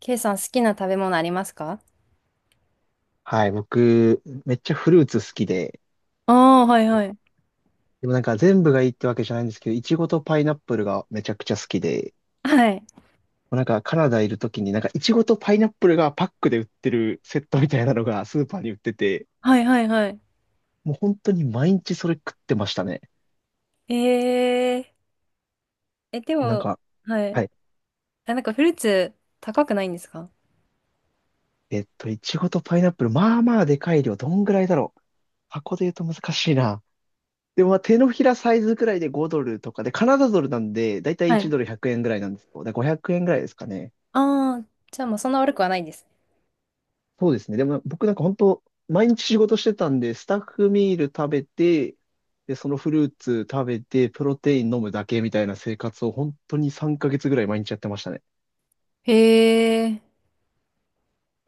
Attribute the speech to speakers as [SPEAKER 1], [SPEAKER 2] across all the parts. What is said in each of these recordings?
[SPEAKER 1] ケイさん、好きな食べ物ありますか？
[SPEAKER 2] はい、僕、めっちゃフルーツ好きで、
[SPEAKER 1] ああ、はいはい。
[SPEAKER 2] でもなんか全部がいいってわけじゃないんですけど、いちごとパイナップルがめちゃくちゃ好きで、
[SPEAKER 1] はい。
[SPEAKER 2] もうなんかカナダいるときになんかいちごとパイナップルがパックで売ってるセットみたいなのがスーパーに売ってて、
[SPEAKER 1] はいはいはい。
[SPEAKER 2] もう本当に毎日それ食ってましたね。
[SPEAKER 1] えええ、で
[SPEAKER 2] なん
[SPEAKER 1] も、
[SPEAKER 2] か、
[SPEAKER 1] は
[SPEAKER 2] は
[SPEAKER 1] い。
[SPEAKER 2] い。
[SPEAKER 1] あ、なんかフルーツ高くないんですか？
[SPEAKER 2] いちごとパイナップル、まあまあでかい量、どんぐらいだろう。箱で言うと難しいな。でもまあ手のひらサイズくらいで5ドルとかで、カナダドルなんで、だいたい
[SPEAKER 1] は
[SPEAKER 2] 1
[SPEAKER 1] い。
[SPEAKER 2] ドル100円ぐらいなんですけど、だから500円ぐらいですかね。
[SPEAKER 1] ああ、じゃあまあそんな悪くはないですね。
[SPEAKER 2] そうですね。でも僕なんか本当、毎日仕事してたんで、スタッフミール食べて、で、そのフルーツ食べて、プロテイン飲むだけみたいな生活を本当に3ヶ月ぐらい毎日やってましたね。
[SPEAKER 1] へえ。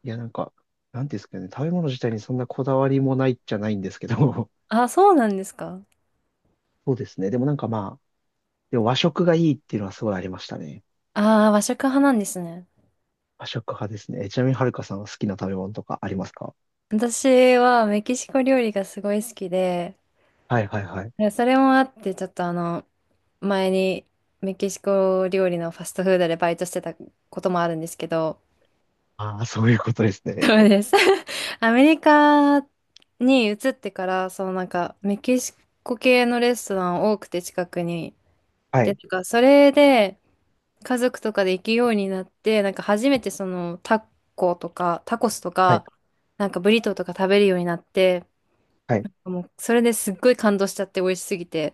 [SPEAKER 2] いや、なんか、なんていうんですかね、食べ物自体にそんなこだわりもないっちゃないんですけど、
[SPEAKER 1] あ、そうなんですか？
[SPEAKER 2] そうですね。でもなんかまあ、でも和食がいいっていうのはすごいありましたね。
[SPEAKER 1] ああー、和食派なんですね。
[SPEAKER 2] 和食派ですね。ちなみにはるかさんは好きな食べ物とかありますか？
[SPEAKER 1] 私はメキシコ料理がすごい好きで、
[SPEAKER 2] はいはいはい。
[SPEAKER 1] いやそれもあって、ちょっと前にメキシコ料理のファストフードでバイトしてたこともあるんですけど、
[SPEAKER 2] ああ、そういうことですね。
[SPEAKER 1] そうです。アメリカに移ってから、メキシコ系のレストラン多くて近くに。
[SPEAKER 2] は
[SPEAKER 1] で、
[SPEAKER 2] い、
[SPEAKER 1] なんか、それで、家族とかで行くようになって、なんか初めてタコスと
[SPEAKER 2] はい、
[SPEAKER 1] か、なんかブリトーとか食べるようになって、
[SPEAKER 2] はい。
[SPEAKER 1] もう、それですっごい感動しちゃって美味しすぎて。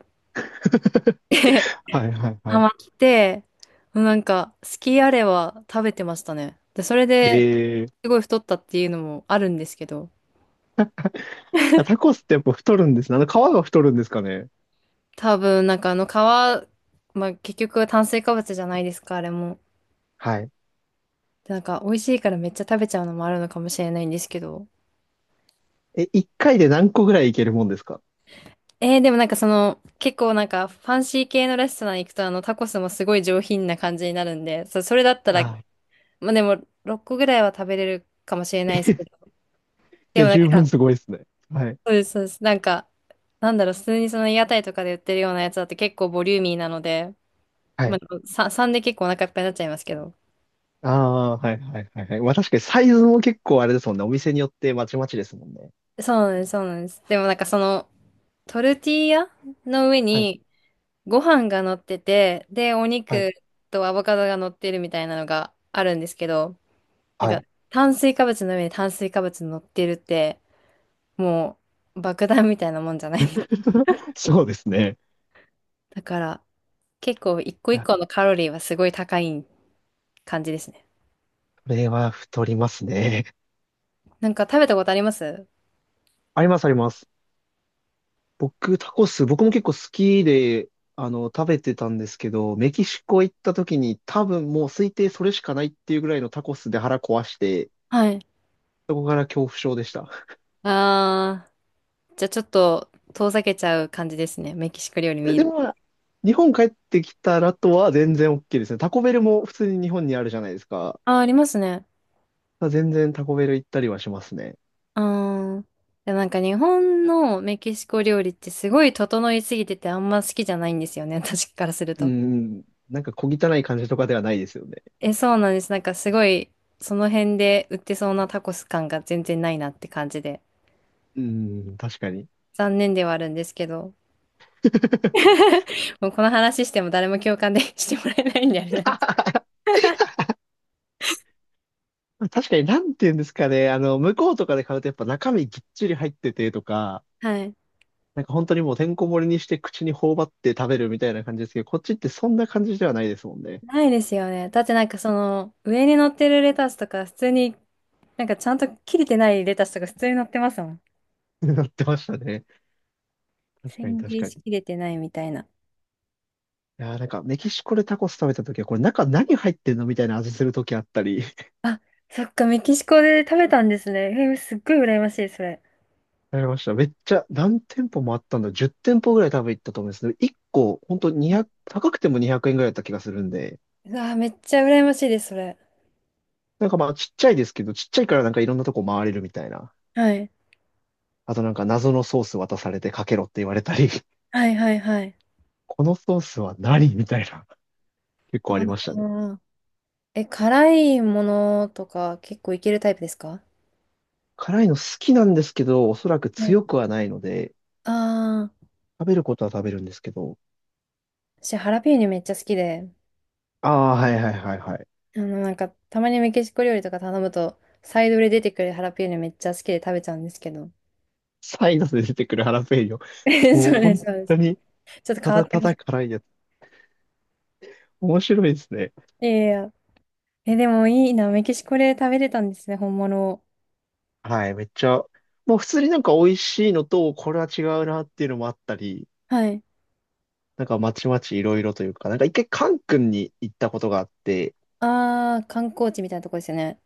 [SPEAKER 2] はいはいは
[SPEAKER 1] ハ
[SPEAKER 2] い。
[SPEAKER 1] マって、もうなんか、好きあれば食べてましたね。で、それで、
[SPEAKER 2] え
[SPEAKER 1] すごい太ったっていうのもあるんですけど、
[SPEAKER 2] タコスってやっぱ太るんですね。あの皮が太るんですかね。
[SPEAKER 1] 多分、なんかあの皮、まあ結局炭水化物じゃないですか、あれも。
[SPEAKER 2] はい。
[SPEAKER 1] でなんか美味しいからめっちゃ食べちゃうのもあるのかもしれないんですけど。
[SPEAKER 2] 一回で何個ぐらいいけるもんですか？
[SPEAKER 1] でもなんか結構なんかファンシー系のレストラン行くとあのタコスもすごい上品な感じになるんで、そ、それだった
[SPEAKER 2] あ
[SPEAKER 1] ら、
[SPEAKER 2] あ。
[SPEAKER 1] まあでも6個ぐらいは食べれるかもしれないですけ ど。
[SPEAKER 2] い
[SPEAKER 1] で
[SPEAKER 2] や、
[SPEAKER 1] もなん
[SPEAKER 2] 十分
[SPEAKER 1] か、
[SPEAKER 2] すごいですね。はい。
[SPEAKER 1] そうです、そうです。なんか、なんだろう、普通にその屋台とかで売ってるようなやつだって結構ボリューミーなので、
[SPEAKER 2] は
[SPEAKER 1] まあ、
[SPEAKER 2] い。
[SPEAKER 1] 3、さんで結構お腹いっぱいになっちゃいますけど。
[SPEAKER 2] ああ、はいはいはいはい。まあ確かにサイズも結構あれですもんね。お店によってまちまちですもんね。
[SPEAKER 1] そうなんです、そうなんです。でもなんかトルティーヤの上
[SPEAKER 2] はい。
[SPEAKER 1] にご飯が乗ってて、で、お
[SPEAKER 2] はい。
[SPEAKER 1] 肉とアボカドが乗ってるみたいなのがあるんですけど、なん
[SPEAKER 2] は
[SPEAKER 1] か
[SPEAKER 2] い。
[SPEAKER 1] 炭水化物の上に炭水化物乗ってるって、もう爆弾みたいなもんじゃないです。
[SPEAKER 2] そうですね。
[SPEAKER 1] だから結構一個
[SPEAKER 2] い
[SPEAKER 1] 一
[SPEAKER 2] や、
[SPEAKER 1] 個のカロリーはすごい高い感じですね。
[SPEAKER 2] これは太りますね。
[SPEAKER 1] なんか食べたことあります？
[SPEAKER 2] ありますあります。僕、タコス、僕も結構好きで、あの、食べてたんですけど、メキシコ行った時に多分もう推定それしかないっていうぐらいのタコスで腹壊して、
[SPEAKER 1] はい。
[SPEAKER 2] そこから恐怖症でした。
[SPEAKER 1] あー、じゃあちょっと遠ざけちゃう感じですね。メキシコ料理
[SPEAKER 2] で、
[SPEAKER 1] 見
[SPEAKER 2] で
[SPEAKER 1] る。
[SPEAKER 2] も、日本帰ってきたらとは全然 OK ですね。タコベルも普通に日本にあるじゃないですか。
[SPEAKER 1] あー、ありますね。
[SPEAKER 2] 全然タコベル行ったりはしますね。
[SPEAKER 1] あー、でもなんか日本のメキシコ料理ってすごい整いすぎててあんま好きじゃないんですよね、私からする
[SPEAKER 2] う
[SPEAKER 1] と。
[SPEAKER 2] ん。なんか小汚い感じとかではないですよね。
[SPEAKER 1] え、そうなんです。なんかすごい、その辺で売ってそうなタコス感が全然ないなって感じで。
[SPEAKER 2] うん、確かに。
[SPEAKER 1] 残念ではあるんですけど。もうこの話しても誰も共感で してもらえないんであれなんです。
[SPEAKER 2] 確かに、なんて言うんですかね。向こうとかで買うとやっぱ中身ぎっちり入っててとか、
[SPEAKER 1] はい。
[SPEAKER 2] なんか本当にもうてんこ盛りにして口に頬張って食べるみたいな感じですけど、こっちってそんな感じではないですもんね。
[SPEAKER 1] ないですよね。だってなんか上に乗ってるレタスとか普通に、なんかちゃんと切れてないレタスとか普通に乗ってますもん。
[SPEAKER 2] なってましたね。確かに
[SPEAKER 1] 千切
[SPEAKER 2] 確
[SPEAKER 1] り
[SPEAKER 2] かに。
[SPEAKER 1] しきれてないみたいな。
[SPEAKER 2] いやーなんかメキシコでタコス食べた時は、これ中何入ってんのみたいな味する時あったり、
[SPEAKER 1] あ、そっか、メキシコで食べたんですね。すっごい羨ましい、それ。
[SPEAKER 2] ありました。めっちゃ何店舗もあったんだ。10店舗ぐらい多分行ったと思うんですけど、1個本当200、高くても200円ぐらいだった気がするんで、
[SPEAKER 1] うわー、めっちゃ羨ましいです、それ。
[SPEAKER 2] なんかまあちっちゃいですけど、ちっちゃいからなんかいろんなとこ回れるみたいな。
[SPEAKER 1] はい。
[SPEAKER 2] あとなんか謎のソース渡されてかけろって言われたり、
[SPEAKER 1] はいはいはい。
[SPEAKER 2] このソースは何みたいな。結
[SPEAKER 1] あ
[SPEAKER 2] 構ありましたね。
[SPEAKER 1] ー、え、辛いものとか結構いけるタイプですか？
[SPEAKER 2] 辛いの好きなんですけど、おそらく
[SPEAKER 1] はい。
[SPEAKER 2] 強くはないので、
[SPEAKER 1] ああ、
[SPEAKER 2] 食べることは食べるんですけど。
[SPEAKER 1] 私、ハラペーニョめっちゃ好きで、
[SPEAKER 2] ああ、はいはいはいはい。
[SPEAKER 1] なんか、たまにメキシコ料理とか頼むと、サイドで出てくるハラペーニョめっちゃ好きで食べちゃうんですけど。
[SPEAKER 2] サイドで出てくるハラペーニョ。
[SPEAKER 1] え
[SPEAKER 2] もう
[SPEAKER 1] そうで
[SPEAKER 2] 本
[SPEAKER 1] す、そうで
[SPEAKER 2] 当
[SPEAKER 1] す。
[SPEAKER 2] に、
[SPEAKER 1] ちょっと
[SPEAKER 2] た
[SPEAKER 1] 変わ
[SPEAKER 2] だ
[SPEAKER 1] って
[SPEAKER 2] た
[SPEAKER 1] ます。
[SPEAKER 2] だ辛いやつ。面白いですね。
[SPEAKER 1] いやいやいや。え、でもいいな、メキシコで食べれたんですね、本物を。
[SPEAKER 2] はい、めっちゃ。もう普通になんか美味しいのと、これは違うなっていうのもあったり、
[SPEAKER 1] はい。
[SPEAKER 2] なんかまちまちいろいろというか、なんか一回カン君に行ったことがあって、
[SPEAKER 1] ああ、観光地みたいなとこですよね。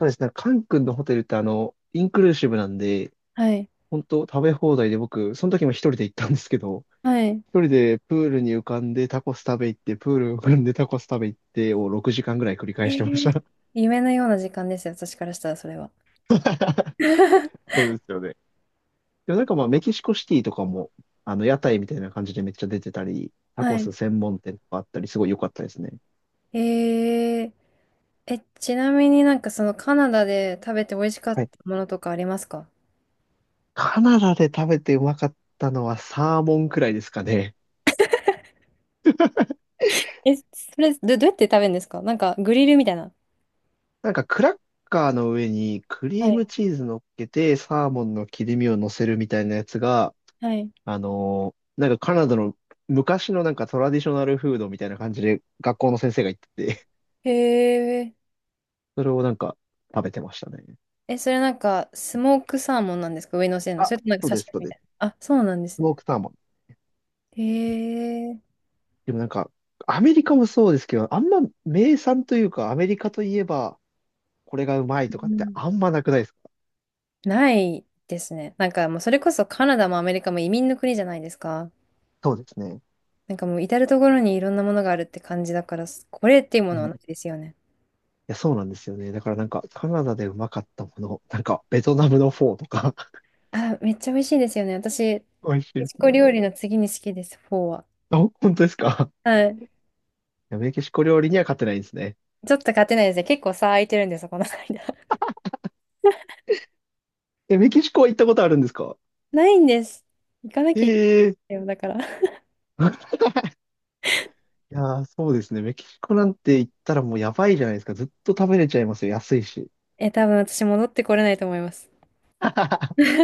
[SPEAKER 2] そうですね、カン君のホテルってインクルーシブなんで、
[SPEAKER 1] はい。
[SPEAKER 2] 本当食べ放題で僕、その時も一人で行ったんですけど、
[SPEAKER 1] はい。
[SPEAKER 2] 一人でプールに浮かんでタコス食べ行って、プールに浮かんでタコス食べ行ってを6時間ぐらい繰り返
[SPEAKER 1] え
[SPEAKER 2] してまし
[SPEAKER 1] ー、
[SPEAKER 2] た。
[SPEAKER 1] 夢のような時間ですよ、私からしたらそれは。
[SPEAKER 2] そうですよね。でもなんかまあメキシコシティとかも、あの屋台みたいな感じでめっちゃ出てたり、タコ
[SPEAKER 1] は
[SPEAKER 2] ス
[SPEAKER 1] い。
[SPEAKER 2] 専門店とかあったり、すごい良かったですね。
[SPEAKER 1] えええ、ちなみになんかカナダで食べて美味しかっ
[SPEAKER 2] は
[SPEAKER 1] た
[SPEAKER 2] い。
[SPEAKER 1] ものとかありますか？
[SPEAKER 2] カナダで食べてうまかったのはサーモンくらいですかね。
[SPEAKER 1] え、それ、どうやって食べるんですか？なんかグリルみたいな。
[SPEAKER 2] なんかクラッカーの上にク
[SPEAKER 1] は
[SPEAKER 2] リー
[SPEAKER 1] い。
[SPEAKER 2] ムチーズ乗っけて、サーモンの切り身を乗せるみたいなやつが、
[SPEAKER 1] はい。
[SPEAKER 2] なんかカナダの昔のなんかトラディショナルフードみたいな感じで学校の先生が言ってて、
[SPEAKER 1] へえ。
[SPEAKER 2] それをなんか食べてましたね。
[SPEAKER 1] え、それなんかスモークサーモンなんですか？上に乗せるの。
[SPEAKER 2] あ、
[SPEAKER 1] それともなんか
[SPEAKER 2] そうで
[SPEAKER 1] 刺
[SPEAKER 2] す、
[SPEAKER 1] 身
[SPEAKER 2] そう
[SPEAKER 1] み
[SPEAKER 2] で
[SPEAKER 1] た
[SPEAKER 2] す。
[SPEAKER 1] いな。あ、そうなんで
[SPEAKER 2] ス
[SPEAKER 1] す
[SPEAKER 2] モ
[SPEAKER 1] ね。
[SPEAKER 2] ークサーモン。
[SPEAKER 1] へえ。
[SPEAKER 2] でもなんか、アメリカもそうですけど、あんま名産というか、アメリカといえば、これがうまい
[SPEAKER 1] う
[SPEAKER 2] とかって
[SPEAKER 1] ん。
[SPEAKER 2] あんまなくないですか？
[SPEAKER 1] ないですね。なんかもうそれこそカナダもアメリカも移民の国じゃないですか。
[SPEAKER 2] そうですね。
[SPEAKER 1] なんかもう至る所にいろんなものがあるって感じだから、これっていうも
[SPEAKER 2] う
[SPEAKER 1] の
[SPEAKER 2] ん。
[SPEAKER 1] はな
[SPEAKER 2] い
[SPEAKER 1] いですよね。
[SPEAKER 2] や、そうなんですよね。だからなんか、カナダでうまかったもの、なんか、ベトナムのフォーとか
[SPEAKER 1] あ、めっちゃ美味しいですよね。私、メ
[SPEAKER 2] 美味しい
[SPEAKER 1] キ
[SPEAKER 2] です
[SPEAKER 1] シコ料
[SPEAKER 2] ね。
[SPEAKER 1] 理の次に好きです、フォーは。
[SPEAKER 2] あ、本当ですか？
[SPEAKER 1] はい。
[SPEAKER 2] いやメキシコ料理には勝てないんですね。
[SPEAKER 1] ちょっと勝てないですね。結構差空いてるんですよ、この間。
[SPEAKER 2] え、メキシコは行ったことあるんですか？
[SPEAKER 1] ないんです。行かな
[SPEAKER 2] え
[SPEAKER 1] きゃいけ
[SPEAKER 2] えい
[SPEAKER 1] ないよ、だから。
[SPEAKER 2] やー、そうですね。メキシコなんて行ったらもうやばいじゃないですか。ずっと食べれちゃいますよ。安いし。
[SPEAKER 1] え、多分私戻ってこれないと思います。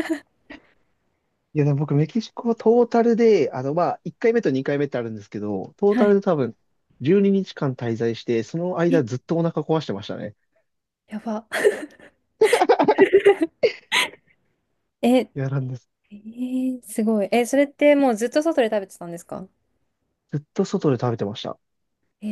[SPEAKER 2] いや、でも僕、メキシコはトータルで、1回目と2回目ってあるんですけど、トー
[SPEAKER 1] は
[SPEAKER 2] タル
[SPEAKER 1] い。
[SPEAKER 2] で多分、12日間滞在して、その
[SPEAKER 1] え、
[SPEAKER 2] 間ずっとお腹壊してましたね。
[SPEAKER 1] やば。え、え
[SPEAKER 2] いや、なんです。
[SPEAKER 1] ー、すごい。え、それってもうずっと外で食べてたんですか？
[SPEAKER 2] ずっと外で食べてました。
[SPEAKER 1] え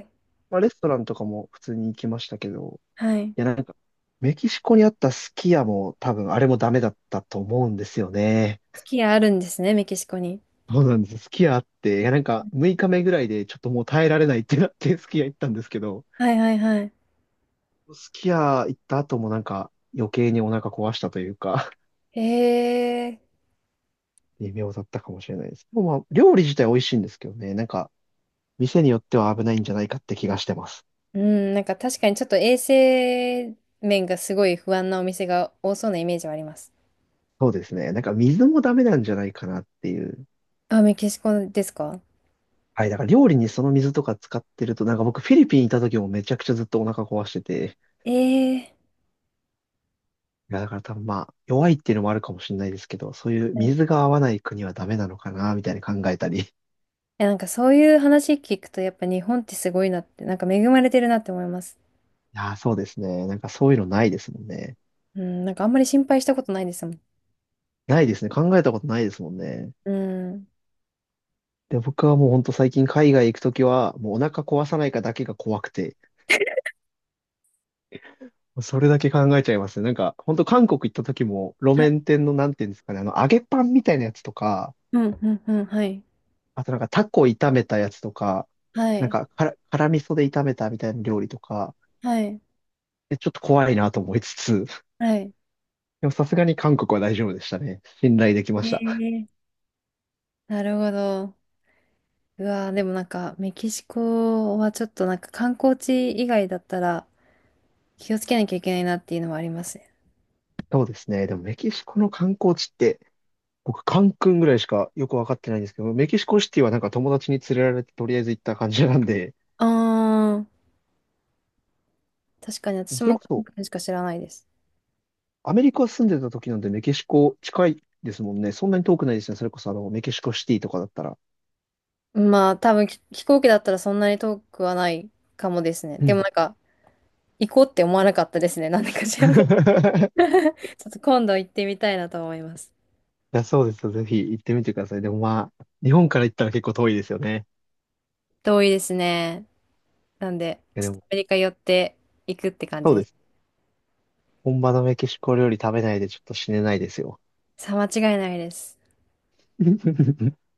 [SPEAKER 1] ー、
[SPEAKER 2] まあ、レストランとかも普通に行きましたけど、
[SPEAKER 1] はい。
[SPEAKER 2] いや、なんか、メキシコにあったスキヤも多分、あれもダメだったと思うんですよね。
[SPEAKER 1] スキーあるんですね、メキシコに。
[SPEAKER 2] そうなんです。すき家あって、いやなんか6日目ぐらいでちょっともう耐えられないってなってすき家 行ったんですけど、
[SPEAKER 1] はいはいはい。
[SPEAKER 2] すき家行った後もなんか余計にお腹壊したというか、
[SPEAKER 1] へえ。
[SPEAKER 2] 微妙だったかもしれないです。でもまあ、料理自体美味しいんですけどね、なんか店によっては危ないんじゃないかって気がしてます。
[SPEAKER 1] うん、なんか確かにちょっと衛生面がすごい不安なお店が多そうなイメージはあります。
[SPEAKER 2] そうですね。なんか水もダメなんじゃないかなっていう。
[SPEAKER 1] あ、メキシコですか？
[SPEAKER 2] はい、だから料理にその水とか使ってると、なんか僕フィリピンいた時もめちゃくちゃずっとお腹壊してて、
[SPEAKER 1] ええ。
[SPEAKER 2] いや、だから多分まあ、弱いっていうのもあるかもしれないですけど、そういう
[SPEAKER 1] はい。
[SPEAKER 2] 水
[SPEAKER 1] い
[SPEAKER 2] が合わない国はダメなのかな、みたいに考えたり。い
[SPEAKER 1] やなんかそういう話聞くとやっぱ日本ってすごいなって、なんか恵まれてるなって思います。
[SPEAKER 2] や、そうですね。なんかそういうのないですもんね。
[SPEAKER 1] うん、なんかあんまり心配したことないですもん。
[SPEAKER 2] ないですね。考えたことないですもんね。
[SPEAKER 1] うん。
[SPEAKER 2] で、僕はもうほんと最近海外行くときは、もうお腹壊さないかだけが怖くて、それだけ考えちゃいますね。なんか、ほんと韓国行ったときも、路
[SPEAKER 1] はい。
[SPEAKER 2] 面店のなんていうんですかね、揚げパンみたいなやつとか、
[SPEAKER 1] うん、うん、うん、はい。
[SPEAKER 2] あとなんかタコ炒めたやつとか、
[SPEAKER 1] は
[SPEAKER 2] なん
[SPEAKER 1] い。
[SPEAKER 2] か、辛味噌で炒めたみたいな料理とか、
[SPEAKER 1] はい。
[SPEAKER 2] ちょっと怖いなと思いつつ、
[SPEAKER 1] はい。
[SPEAKER 2] でもさすがに韓国は大丈夫でしたね。信頼できま
[SPEAKER 1] え
[SPEAKER 2] した。
[SPEAKER 1] え。なるほど。うわー、でもなんか、メキシコはちょっとなんか観光地以外だったら気をつけなきゃいけないなっていうのはありますね。
[SPEAKER 2] そうですね。でもメキシコの観光地って、僕、カンクンぐらいしかよくわかってないんですけど、メキシコシティはなんか友達に連れられてとりあえず行った感じなんで、
[SPEAKER 1] あー、確かに私
[SPEAKER 2] それ
[SPEAKER 1] も
[SPEAKER 2] こ
[SPEAKER 1] 韓
[SPEAKER 2] そ
[SPEAKER 1] 国しか知らないです。
[SPEAKER 2] アメリカ住んでた時なんでメキシコ近いですもんね。そんなに遠くないですね。それこそあのメキシコシティとかだったら。
[SPEAKER 1] まあ、多分飛行機だったらそんなに遠くはないかもですね。
[SPEAKER 2] う
[SPEAKER 1] でも
[SPEAKER 2] ん。
[SPEAKER 1] なんか、行こうって思わなかったですね。なんでか知らない。ちょっと今度行ってみたいなと思います。
[SPEAKER 2] いや、そうですよ。ぜひ行ってみてください。でもまあ、日本から行ったら結構遠いですよね。
[SPEAKER 1] 遠いですね。なんで、
[SPEAKER 2] いや
[SPEAKER 1] ちょっ
[SPEAKER 2] で
[SPEAKER 1] と
[SPEAKER 2] も、
[SPEAKER 1] アメリカ寄って行くって感
[SPEAKER 2] そ
[SPEAKER 1] じ
[SPEAKER 2] う
[SPEAKER 1] で
[SPEAKER 2] で
[SPEAKER 1] す。
[SPEAKER 2] す。本場のメキシコ料理食べないでちょっと死ねないですよ。
[SPEAKER 1] さあ、間違いないです。